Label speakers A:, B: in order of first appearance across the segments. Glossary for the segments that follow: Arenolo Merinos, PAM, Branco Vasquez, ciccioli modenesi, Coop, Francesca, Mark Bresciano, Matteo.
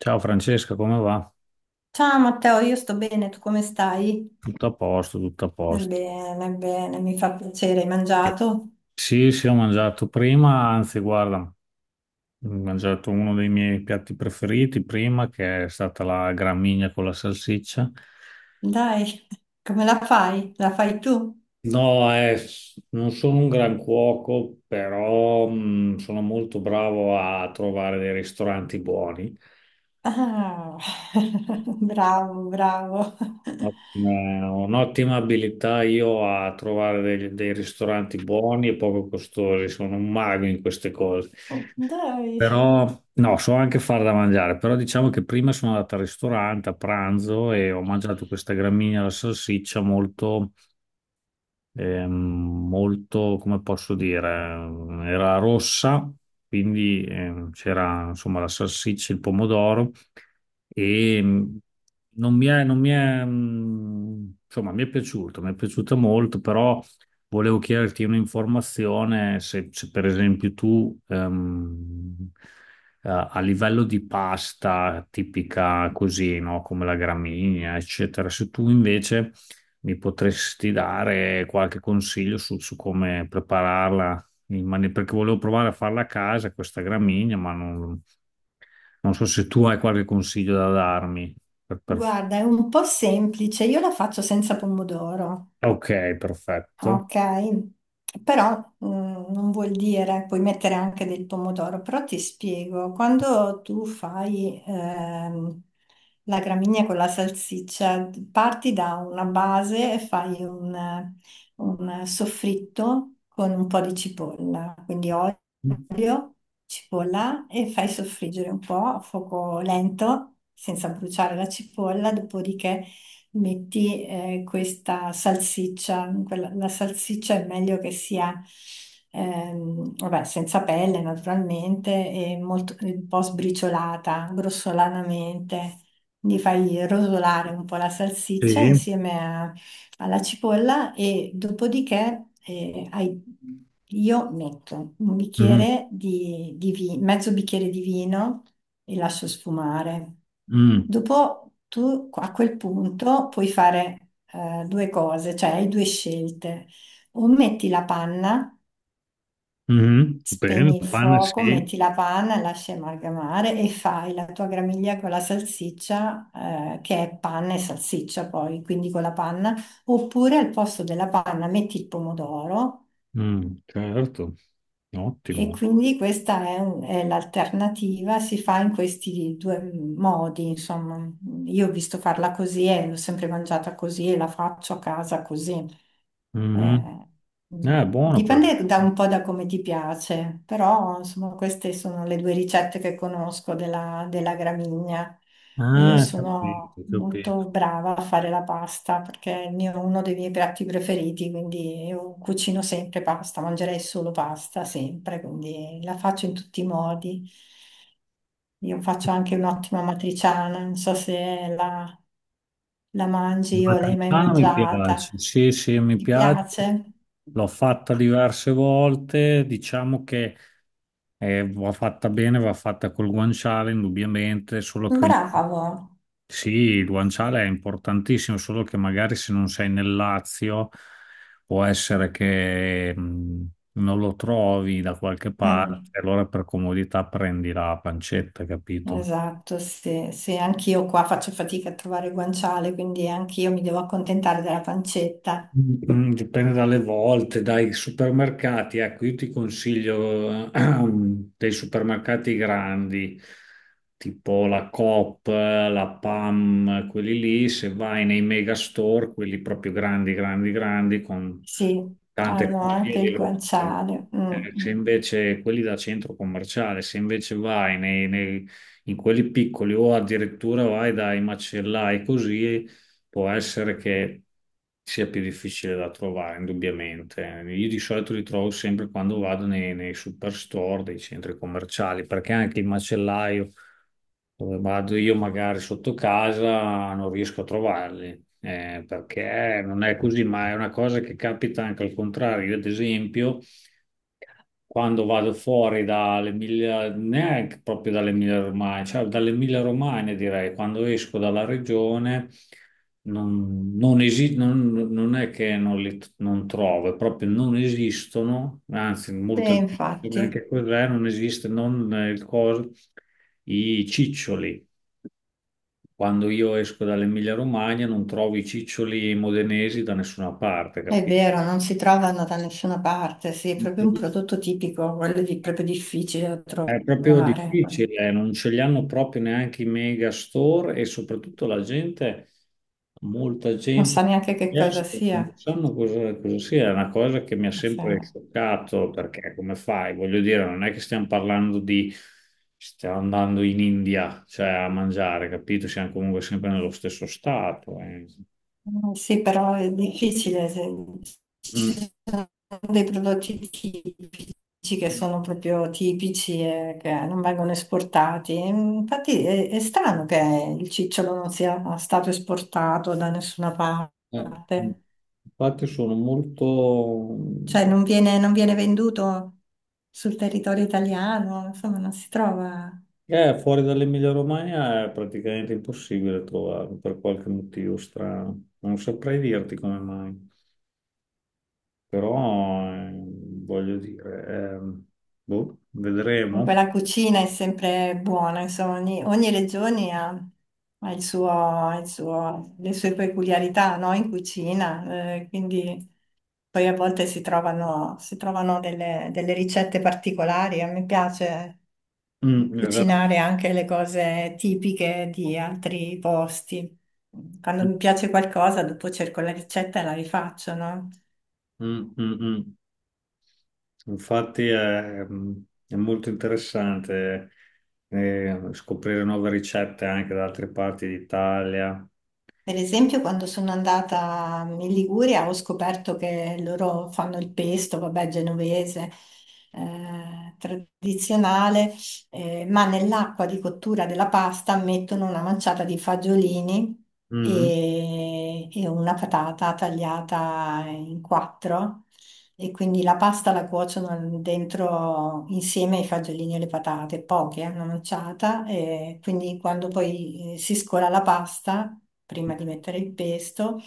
A: Ciao Francesca, come va?
B: Ciao Matteo, io sto bene, tu come stai?
A: Tutto a posto, tutto a posto.
B: Bene, bene, mi fa piacere, hai mangiato?
A: Sì, sì, ho mangiato prima, anzi, guarda, ho mangiato uno dei miei piatti preferiti prima, che è stata la gramigna con la salsiccia.
B: Dai, come la fai? La fai tu?
A: No, non sono un gran cuoco, però sono molto bravo a trovare dei ristoranti buoni.
B: Ah, bravo, bravo.
A: Eh, Un'ottima abilità io a trovare dei ristoranti buoni e poco costosi, sono un mago in queste cose.
B: Dai,
A: Però no, so anche far da mangiare, però diciamo che prima sono andato al ristorante a pranzo e ho mangiato questa gramigna alla salsiccia molto molto, come posso dire, era rossa, quindi c'era insomma la salsiccia, il pomodoro e non mi è, non mi è, insomma, mi è piaciuto, mi è piaciuta molto, però volevo chiederti un'informazione se per esempio tu a livello di pasta tipica così, no, come la gramigna, eccetera, se tu invece mi potresti dare qualche consiglio su come prepararla, perché volevo provare a farla a casa questa gramigna, ma non so se tu hai qualche consiglio da darmi. Per- per-
B: guarda, è un po' semplice, io la faccio senza pomodoro.
A: Ok, perfetto.
B: Ok, però non vuol dire, puoi mettere anche del pomodoro, però ti spiego, quando tu fai la gramigna con la salsiccia, parti da una base e fai un soffritto con un po' di cipolla, quindi olio, cipolla e fai soffriggere un po' a fuoco lento, senza bruciare la cipolla, dopodiché metti questa salsiccia, la salsiccia è meglio che sia vabbè, senza pelle naturalmente e un po' sbriciolata, grossolanamente. Quindi fai rosolare un po' la salsiccia
A: Sì.
B: alla cipolla e dopodiché io metto un
A: Mhm.
B: bicchiere di mezzo bicchiere di vino e lascio sfumare.
A: Mm.
B: Dopo tu a quel punto puoi fare due cose, cioè hai due scelte. O metti la panna,
A: Mhm. Bene,
B: spegni il
A: la panna
B: fuoco,
A: sì.
B: metti la panna, lasci amalgamare e fai la tua gramiglia con la salsiccia, che è panna e salsiccia poi, quindi con la panna. Oppure al posto della panna metti il pomodoro.
A: Mm, certo,
B: E
A: ottimo.
B: quindi è l'alternativa, si fa in questi due modi, insomma. Io ho visto farla così e l'ho sempre mangiata così e la faccio a casa così. Eh,
A: Mhm.
B: mm.
A: Buono quello.
B: Dipende da un po' da come ti piace, però insomma queste sono le due ricette che conosco della gramigna. E io
A: Ah,
B: sono
A: capito,
B: molto
A: capito.
B: brava a fare la pasta perché è il uno dei miei piatti preferiti, quindi io cucino sempre pasta, mangerei solo pasta sempre, quindi la faccio in tutti i modi. Io faccio anche un'ottima matriciana, non so se la
A: La
B: mangi o l'hai mai
A: matriciana mi
B: mangiata.
A: piace, sì, sì, mi
B: Ti
A: piace.
B: piace?
A: L'ho fatta diverse volte, diciamo che va fatta bene, va fatta col guanciale, indubbiamente, solo che
B: Bravo.
A: sì, il guanciale è importantissimo, solo che magari se non sei nel Lazio può essere che non lo trovi da qualche
B: Mm,
A: parte, allora per comodità prendi la pancetta, capito?
B: esatto, sì, sì, anch'io qua faccio fatica a trovare guanciale, quindi anch'io mi devo accontentare della pancetta.
A: Mm, dipende dalle volte, dai supermercati. Ecco, io ti consiglio dei supermercati grandi, tipo la Coop, la PAM, quelli lì. Se vai nei mega store, quelli proprio grandi, grandi, grandi, con
B: Sì,
A: tante
B: hanno
A: cose,
B: anche
A: lì
B: il
A: lo trovi.
B: guanciale. Mm, mm.
A: Se invece quelli da centro commerciale, se invece in quelli piccoli o addirittura vai dai macellai così può essere che sia più difficile da trovare, indubbiamente. Io di solito li trovo sempre quando vado nei superstore, dei centri commerciali, perché anche il macellaio dove vado io magari sotto casa non riesco a trovarli, perché non è così, ma è una cosa che capita anche al contrario. Io, ad esempio, quando vado fuori dall'Emilia, neanche proprio dall'Emilia Romagna, cioè dall'Emilia Romagna direi, quando esco dalla regione non è che non li non trovo, è proprio non esistono, anzi
B: Sì,
A: molto
B: infatti,
A: neanche cos'è, non esiste, non il coso, i ciccioli. Quando io esco dall'Emilia Romagna non trovo i ciccioli modenesi da nessuna parte,
B: è vero, non si trovano da nessuna parte, sì, è proprio un
A: capito?
B: prodotto tipico, quello di, proprio difficile da
A: È proprio
B: trovare.
A: difficile, non ce li hanno proprio neanche i mega store e soprattutto la gente, molta
B: Non
A: gente
B: sa
A: ha
B: neanche che cosa
A: chiesto,
B: sia.
A: non sanno cosa sia, è una cosa che mi ha
B: Sì.
A: sempre scioccato perché come fai? Voglio dire, non è che stiamo parlando di, stiamo andando in India, cioè a mangiare, capito? Siamo comunque sempre nello stesso stato. Eh.
B: Mm, sì, però è difficile. Ci
A: Mm.
B: sono dei prodotti tipici che sono proprio tipici e che non vengono esportati. Infatti è strano che il cicciolo non sia stato esportato da nessuna
A: Eh, mm.
B: parte.
A: Infatti sono molto...
B: Cioè non non viene venduto sul territorio italiano, insomma non si trova.
A: Fuori dall'Emilia Romagna è praticamente impossibile trovarlo per qualche motivo strano. Non saprei dirti come mai, però voglio dire, boh,
B: Comunque
A: vedremo.
B: la cucina è sempre buona, insomma, ogni regione ha il suo, ha il le sue peculiarità, no, in cucina, quindi poi a volte si si trovano delle ricette particolari. A me piace
A: Mm, esatto.
B: cucinare anche le cose tipiche di altri posti. Quando
A: Mm,
B: mi piace qualcosa, dopo cerco la ricetta e la rifaccio, no?
A: mm, mm. Mm. Infatti è molto interessante scoprire nuove ricette anche da altre parti d'Italia.
B: Per esempio, quando sono andata in Liguria ho scoperto che loro fanno il pesto, vabbè, genovese, tradizionale, ma nell'acqua di cottura della pasta mettono una manciata di fagiolini
A: Mm.
B: e una patata tagliata in quattro. E quindi la pasta la cuociono dentro insieme ai fagiolini e le patate, poche, una manciata, e quindi quando poi si scola la pasta, prima di mettere il pesto,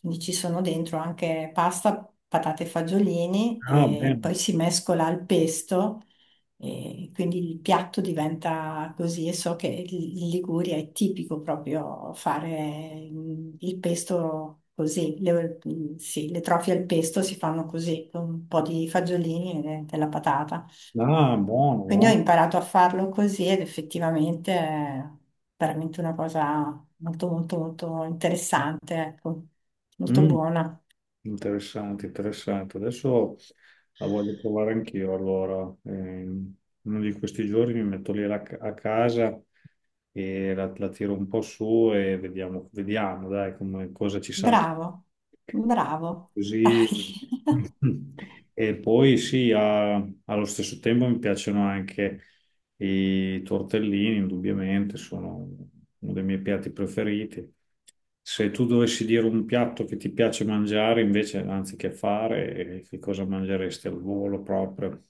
B: quindi ci sono dentro anche pasta, patate e fagiolini,
A: Ah,
B: e poi
A: bene.
B: si mescola al pesto e quindi il piatto diventa così e so che in Liguria è tipico proprio fare il pesto così, sì, le trofie al pesto si fanno così, con un po' di fagiolini e della patata.
A: Ah, buono,
B: Quindi ho
A: buono.
B: imparato a farlo così ed effettivamente è veramente una cosa molto molto molto interessante, ecco, molto
A: Mm.
B: buona.
A: Interessante, interessante. Adesso la voglio provare anch'io. Allora, uno di questi giorni mi metto a casa e la tiro un po' su e vediamo, vediamo, dai, come, cosa ci salta.
B: Bravo, bravo,
A: Così.
B: dai,
A: E poi sì, allo stesso tempo mi piacciono anche i tortellini, indubbiamente, sono uno dei miei piatti preferiti. Se tu dovessi dire un piatto che ti piace mangiare invece, anziché fare, che cosa mangeresti al volo proprio?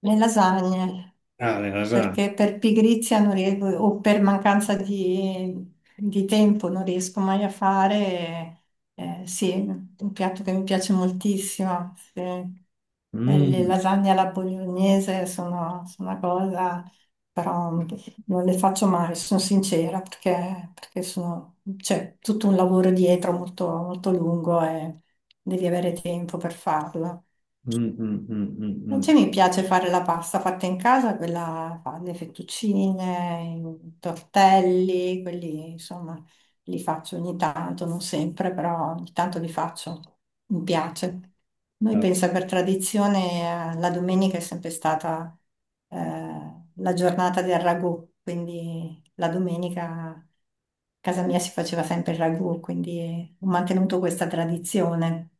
B: le lasagne.
A: Ah, le lasagne.
B: Perché per pigrizia non riesco, o per mancanza di tempo non riesco mai a fare. Sì, un piatto che mi piace moltissimo. Sì. Le
A: Mm,
B: lasagne alla bolognese sono una cosa, però non le faccio mai, sono sincera, perché c'è tutto un lavoro dietro molto, molto lungo e devi avere tempo per farlo.
A: mm, mm, mm, mm, mm.
B: Invece mi piace fare la pasta fatta in casa, quella fa le fettuccine, i tortelli, quelli insomma li faccio ogni tanto, non sempre, però ogni tanto li faccio, mi piace. Noi
A: Ah,
B: pensa per tradizione la domenica è sempre stata la giornata del ragù, quindi la domenica a casa mia si faceva sempre il ragù, quindi ho mantenuto questa tradizione.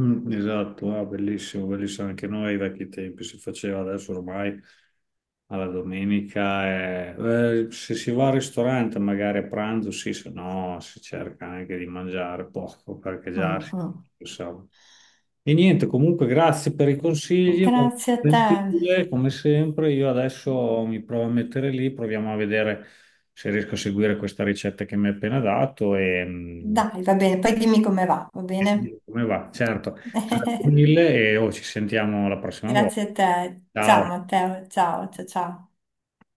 A: mm, esatto, ah, bellissimo, bellissimo. Anche noi ai vecchi tempi si faceva adesso ormai alla domenica. Se si va al ristorante, magari a pranzo, sì, se no si cerca anche di mangiare poco perché già
B: Mm, mm.
A: si sa. E niente, comunque grazie per i consigli, molto
B: Grazie a te.
A: gentile, come sempre. Io adesso mi provo a mettere lì, proviamo a vedere se riesco a seguire questa ricetta che mi hai appena dato e, mm,
B: Dai, va bene, poi dimmi come va, va
A: e ti dico
B: bene?
A: come va. Certo, grazie mille e oh, ci sentiamo la prossima volta.
B: Grazie a te. Ciao
A: Ciao.
B: Matteo, ciao, ciao, ciao.